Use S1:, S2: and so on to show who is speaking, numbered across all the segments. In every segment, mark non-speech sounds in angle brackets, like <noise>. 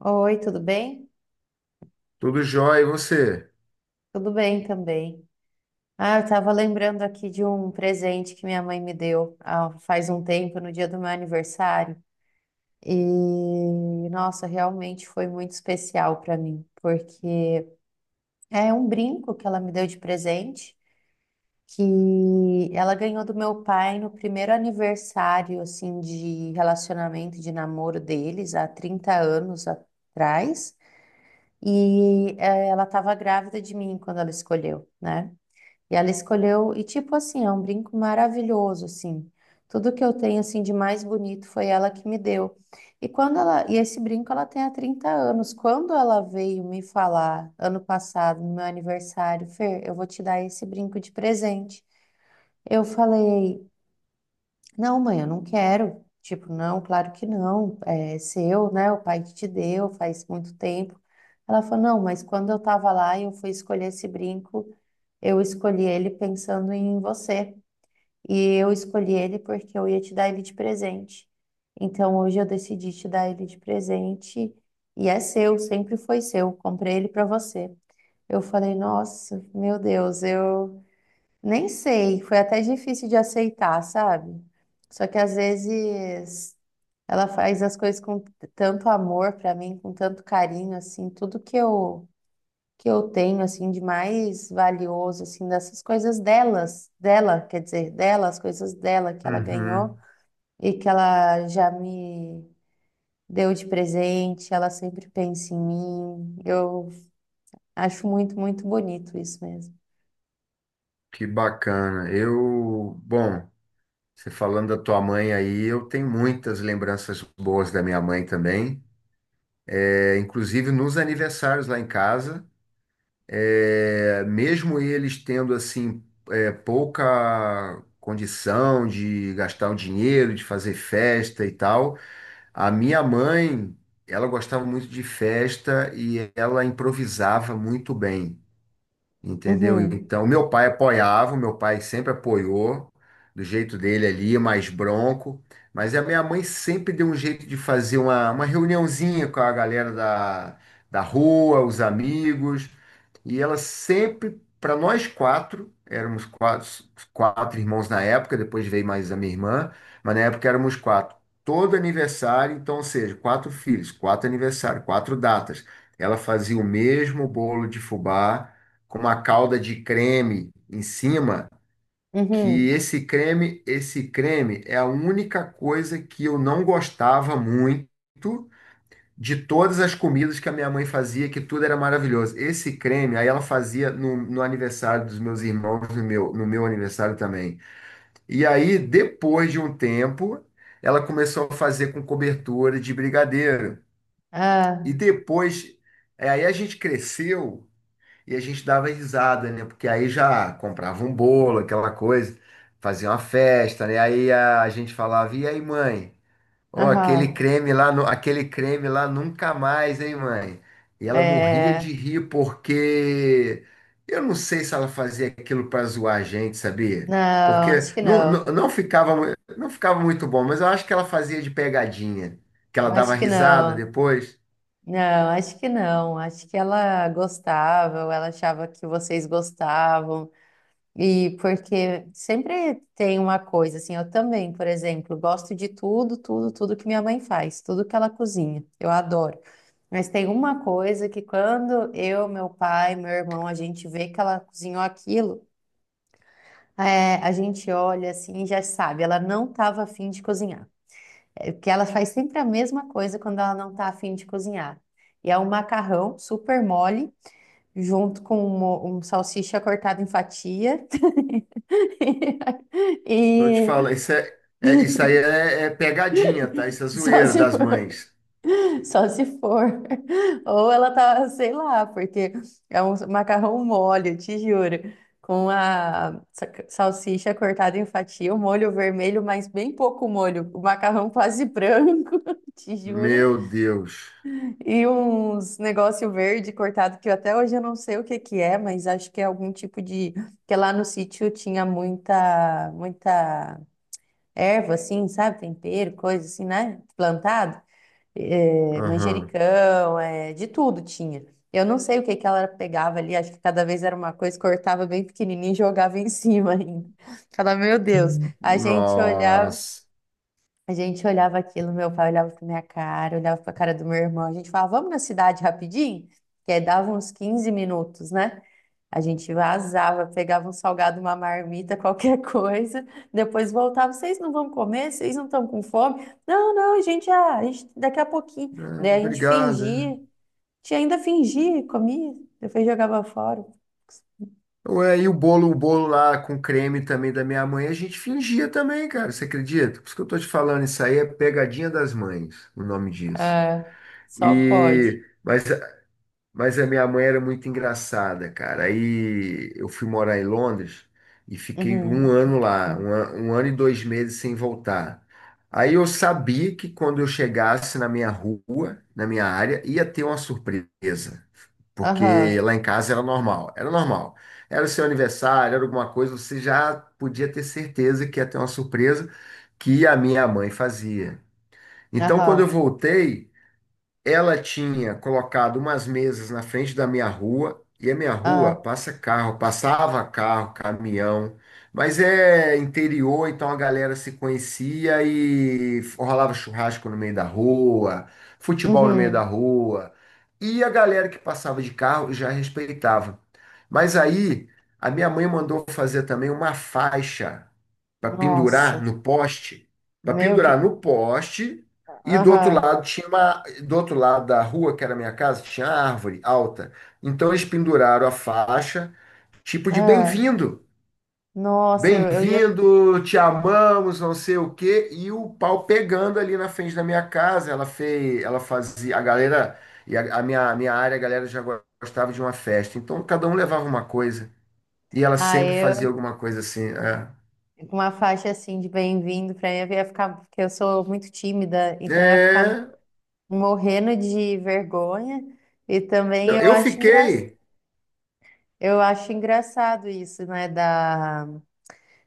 S1: Oi, tudo bem?
S2: Tudo jóia, e você?
S1: Tudo bem também. Ah, eu estava lembrando aqui de um presente que minha mãe me deu faz um tempo, no dia do meu aniversário. E, nossa, realmente foi muito especial para mim, porque é um brinco que ela me deu de presente, que ela ganhou do meu pai no primeiro aniversário, assim, de relacionamento, de namoro deles, há 30 anos atrás. E ela estava grávida de mim quando ela escolheu, né? E ela escolheu, e tipo assim, é um brinco maravilhoso, assim. Tudo que eu tenho, assim, de mais bonito foi ela que me deu. E quando ela, e esse brinco ela tem há 30 anos. Quando ela veio me falar, ano passado, no meu aniversário, Fer, eu vou te dar esse brinco de presente. Eu falei, não, mãe, eu não quero. Tipo, não, claro que não. É seu, né? O pai que te deu, faz muito tempo. Ela falou, não, mas quando eu tava lá e eu fui escolher esse brinco, eu escolhi ele pensando em você. E eu escolhi ele porque eu ia te dar ele de presente. Então hoje eu decidi te dar ele de presente. E é seu, sempre foi seu. Comprei ele para você. Eu falei, nossa, meu Deus, eu nem sei. Foi até difícil de aceitar, sabe? Só que às vezes ela faz as coisas com tanto amor para mim, com tanto carinho, assim, tudo que eu tenho assim de mais valioso assim dessas coisas delas, dela, quer dizer, dela, as coisas dela que ela ganhou
S2: Uhum.
S1: e que ela já me deu de presente, ela sempre pensa em mim. Eu acho muito, muito bonito isso mesmo.
S2: Que bacana. Eu, bom, você falando da tua mãe aí, eu tenho muitas lembranças boas da minha mãe também. É, inclusive nos aniversários lá em casa, mesmo eles tendo pouca condição de gastar o dinheiro, de fazer festa e tal, a minha mãe, ela gostava muito de festa e ela improvisava muito bem. Entendeu?
S1: Uhum.
S2: Então, meu pai apoiava, meu pai sempre apoiou, do jeito dele ali, mais bronco. Mas a minha mãe sempre deu um jeito de fazer uma reuniãozinha com a galera da rua, os amigos. E ela sempre, para nós quatro, éramos quatro, quatro irmãos na época, depois veio mais a minha irmã, mas na época éramos quatro. Todo aniversário, então, ou seja, quatro filhos, quatro aniversários, quatro datas. Ela fazia o mesmo bolo de fubá com uma calda de creme em cima, que
S1: Uhum.
S2: esse creme é a única coisa que eu não gostava muito de todas as comidas que a minha mãe fazia, que tudo era maravilhoso. Esse creme, aí ela fazia no aniversário dos meus irmãos, no meu, no meu aniversário também. E aí, depois de um tempo, ela começou a fazer com cobertura de brigadeiro. E
S1: Ah,
S2: depois, aí a gente cresceu e a gente dava risada, né? Porque aí já comprava um bolo, aquela coisa, fazia uma festa, né? Aí a gente falava, e aí, mãe? Ó, aquele
S1: aham.
S2: creme lá, aquele creme lá nunca mais, hein, mãe? E ela morria de
S1: É,
S2: rir porque eu não sei se ela fazia aquilo para zoar a gente, sabia?
S1: não,
S2: Porque
S1: acho que não.
S2: não ficava, não ficava muito bom, mas eu acho que ela fazia de pegadinha, que
S1: Eu
S2: ela dava
S1: acho que
S2: risada
S1: não.
S2: depois.
S1: Não, acho que não. Acho que ela gostava, ou ela achava que vocês gostavam. E porque sempre tem uma coisa, assim, eu também, por exemplo, gosto de tudo, tudo, tudo que minha mãe faz, tudo que ela cozinha, eu adoro. Mas tem uma coisa que quando eu, meu pai, meu irmão, a gente vê que ela cozinhou aquilo, é, a gente olha assim e já sabe, ela não estava afim de cozinhar. É, porque ela faz sempre a mesma coisa quando ela não está afim de cozinhar. E é um macarrão super mole, junto com um salsicha cortada em fatia <laughs>
S2: Então eu te
S1: E
S2: falo, isso, isso aí é pegadinha, tá? Isso é
S1: só
S2: zoeira
S1: se
S2: das
S1: for,
S2: mães.
S1: só se for. Ou ela tá, sei lá, porque é um macarrão mole, eu te juro. Com a salsicha cortada em fatia, o molho vermelho, mas bem pouco molho. O macarrão quase branco, <laughs> te juro.
S2: Meu Deus.
S1: E uns negócio verde cortado, que eu até hoje eu não sei o que que é, mas acho que é algum tipo de... Que lá no sítio tinha muita, muita erva, assim, sabe? Tempero, coisa assim, né? Plantado. É,
S2: Aham.
S1: manjericão, é, de tudo tinha. Eu não sei o que que ela pegava ali, acho que cada vez era uma coisa, cortava bem pequenininho e jogava em <laughs> cima ainda. Falava, meu Deus, a gente olhava.
S2: Nossa.
S1: A gente olhava aquilo, meu pai olhava pra minha cara, olhava pra cara do meu irmão. A gente falava, vamos na cidade rapidinho? Que aí dava uns 15 minutos, né? A gente vazava, pegava um salgado, uma marmita, <laughs> qualquer coisa. Depois voltava, vocês não vão comer? Vocês não estão com fome? Não, não, a gente, ah, a gente daqui a pouquinho.
S2: É,
S1: Daí a gente
S2: obrigado.
S1: fingia, a
S2: É.
S1: gente ainda fingia, comia, depois jogava fora.
S2: Ué, e o bolo lá com creme também da minha mãe, a gente fingia também, cara. Você acredita? Por isso que eu tô te falando, isso aí é pegadinha das mães, o nome disso.
S1: É, só pode.
S2: Mas mas a minha mãe era muito engraçada, cara. Aí eu fui morar em Londres e fiquei um
S1: Uhum.
S2: ano lá,
S1: Uhum.
S2: um ano e dois meses sem voltar. Aí eu sabia que quando eu chegasse na minha rua, na minha área, ia ter uma surpresa,
S1: Aham.
S2: porque lá em casa era normal, era normal. Era o seu aniversário, era alguma coisa, você já podia ter certeza que ia ter uma surpresa que a minha mãe fazia. Então, quando eu
S1: Aham.
S2: voltei ela tinha colocado umas mesas na frente da minha rua, e a minha rua
S1: Aham.
S2: passa carro, passava carro, caminhão, mas é interior, então a galera se conhecia e rolava churrasco no meio da rua, futebol no meio da
S1: Uhum.
S2: rua, e a galera que passava de carro já respeitava. Mas aí a minha mãe mandou fazer também uma faixa para
S1: Nossa,
S2: pendurar no poste, para
S1: meu que.
S2: pendurar no poste e do outro
S1: Aham,
S2: lado tinha uma, do outro lado da rua, que era a minha casa, tinha árvore alta. Então eles penduraram a faixa, tipo de
S1: ah,
S2: bem-vindo.
S1: nossa, eu ia.
S2: Bem-vindo, te amamos, não sei o quê, e o pau pegando ali na frente da minha casa. Ela fez, ela fazia, a galera, e a minha área, a galera já gostava de uma festa. Então cada um levava uma coisa, e ela
S1: Ah,
S2: sempre fazia
S1: eu.
S2: alguma coisa assim.
S1: Com uma faixa assim de bem-vindo, pra mim eu ia ficar. Porque eu sou muito tímida,
S2: É,
S1: então eu ia ficar
S2: é,
S1: morrendo de vergonha. E também
S2: não,
S1: eu
S2: eu
S1: acho engra...
S2: fiquei.
S1: eu acho engraçado isso, né? Da...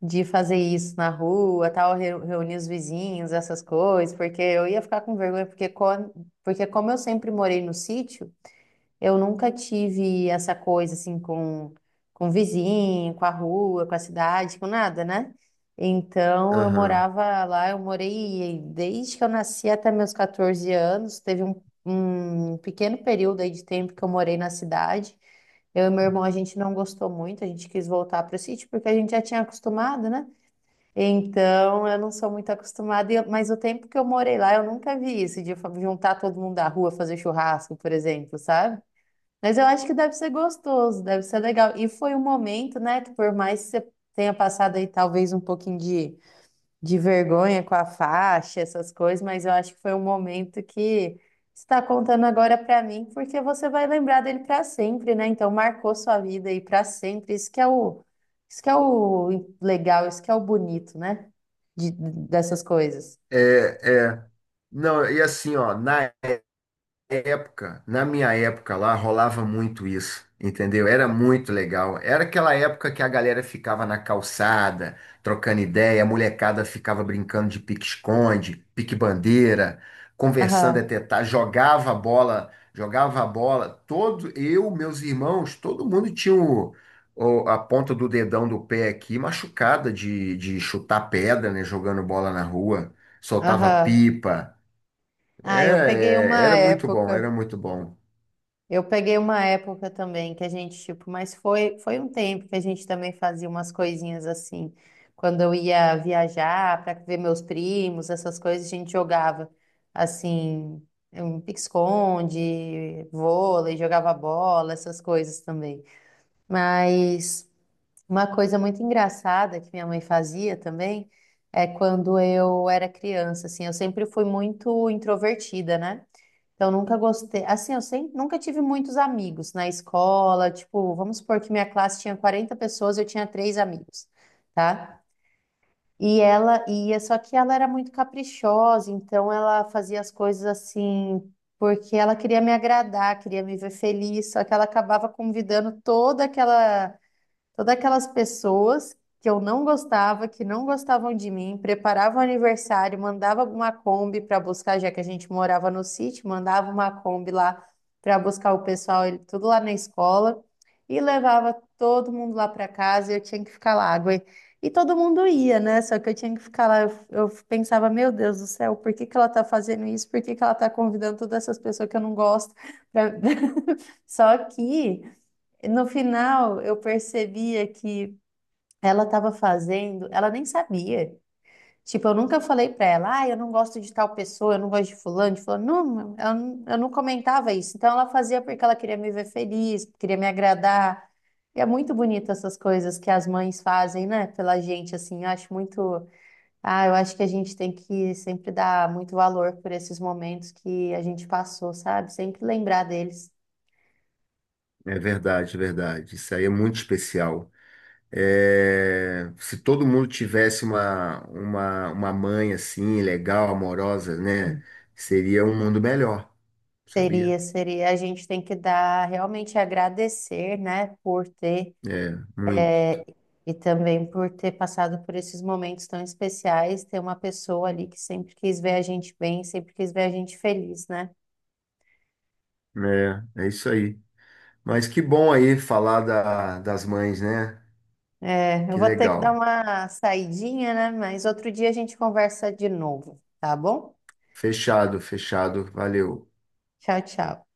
S1: De fazer isso na rua, tal, reunir os vizinhos, essas coisas, porque eu ia ficar com vergonha, porque, quando... porque como eu sempre morei no sítio. Eu nunca tive essa coisa assim com o vizinho, com a rua, com a cidade, com nada, né? Então eu
S2: Aham.
S1: morava lá, eu morei desde que eu nasci até meus 14 anos. Teve um pequeno período aí de tempo que eu morei na cidade. Eu e meu irmão, a gente não gostou muito, a gente quis voltar para o sítio porque a gente já tinha acostumado, né? Então, eu não sou muito acostumada, mas o tempo que eu morei lá, eu nunca vi isso, de juntar todo mundo da rua, fazer churrasco, por exemplo, sabe? Mas eu acho que deve ser gostoso, deve ser legal. E foi um momento, né, que por mais que você tenha passado aí talvez um pouquinho de vergonha com a faixa, essas coisas, mas eu acho que foi um momento que você está contando agora pra mim, porque você vai lembrar dele pra sempre, né? Então marcou sua vida aí pra sempre. Isso que é o legal, isso que é o bonito, né? De, dessas coisas.
S2: É, é. Não, e assim, ó, na época, na minha época lá, rolava muito isso, entendeu? Era muito legal. Era aquela época que a galera ficava na calçada, trocando ideia, a molecada ficava brincando de pique-esconde, pique-bandeira, conversando
S1: Aham,
S2: até tarde, jogava a bola, jogava a bola. Todo, eu, meus irmãos, todo mundo tinha a ponta do dedão do pé aqui machucada de chutar pedra, né? Jogando bola na rua, soltava
S1: aham.
S2: pipa. É,
S1: Ah, eu peguei
S2: é,
S1: uma
S2: era muito bom,
S1: época.
S2: era muito bom.
S1: Eu peguei uma época também que a gente, tipo, mas foi, foi um tempo que a gente também fazia umas coisinhas assim. Quando eu ia viajar para ver meus primos, essas coisas, a gente jogava assim, um pique-esconde, vôlei, jogava bola, essas coisas também. Mas uma coisa muito engraçada que minha mãe fazia também é quando eu era criança, assim, eu sempre fui muito introvertida, né? Então, nunca gostei. Assim, eu sempre, nunca tive muitos amigos na escola. Tipo, vamos supor que minha classe tinha 40 pessoas, eu tinha três amigos, tá? E ela ia, só que ela era muito caprichosa, então ela fazia as coisas assim, porque ela queria me agradar, queria me ver feliz, só que ela acabava convidando toda aquela Todas aquelas pessoas que eu não gostava, que não gostavam de mim, preparava o aniversário, mandava uma Kombi para buscar, já que a gente morava no sítio, mandava uma Kombi lá para buscar o pessoal, tudo lá na escola, e levava todo mundo lá para casa e eu tinha que ficar lá. E todo mundo ia, né? Só que eu tinha que ficar lá. Eu pensava, meu Deus do céu, por que que ela tá fazendo isso? Por que que ela tá convidando todas essas pessoas que eu não gosto? pra- <laughs> Só que. No final, eu percebia que ela estava fazendo, ela nem sabia. Tipo, eu nunca falei pra ela, ah, eu não gosto de tal pessoa, eu não gosto de fulano, de fulano. Não, eu, eu não comentava isso. Então, ela fazia porque ela queria me ver feliz, queria me agradar. E é muito bonito essas coisas que as mães fazem, né, pela gente, assim. Eu acho muito. Ah, eu acho que a gente tem que sempre dar muito valor por esses momentos que a gente passou, sabe? Sempre lembrar deles.
S2: É verdade, verdade. Isso aí é muito especial. É, se todo mundo tivesse uma mãe assim, legal, amorosa, né? Seria um mundo melhor, sabia?
S1: Seria, seria. A gente tem que dar, realmente agradecer, né, por ter
S2: É, muito.
S1: e também por ter passado por esses momentos tão especiais, ter uma pessoa ali que sempre quis ver a gente bem, sempre quis ver a gente feliz, né?
S2: É, é isso aí. Mas que bom aí falar das mães, né?
S1: É, eu
S2: Que
S1: vou ter que dar
S2: legal.
S1: uma saidinha, né? Mas outro dia a gente conversa de novo, tá bom?
S2: Fechado, fechado. Valeu.
S1: Tchau, tchau.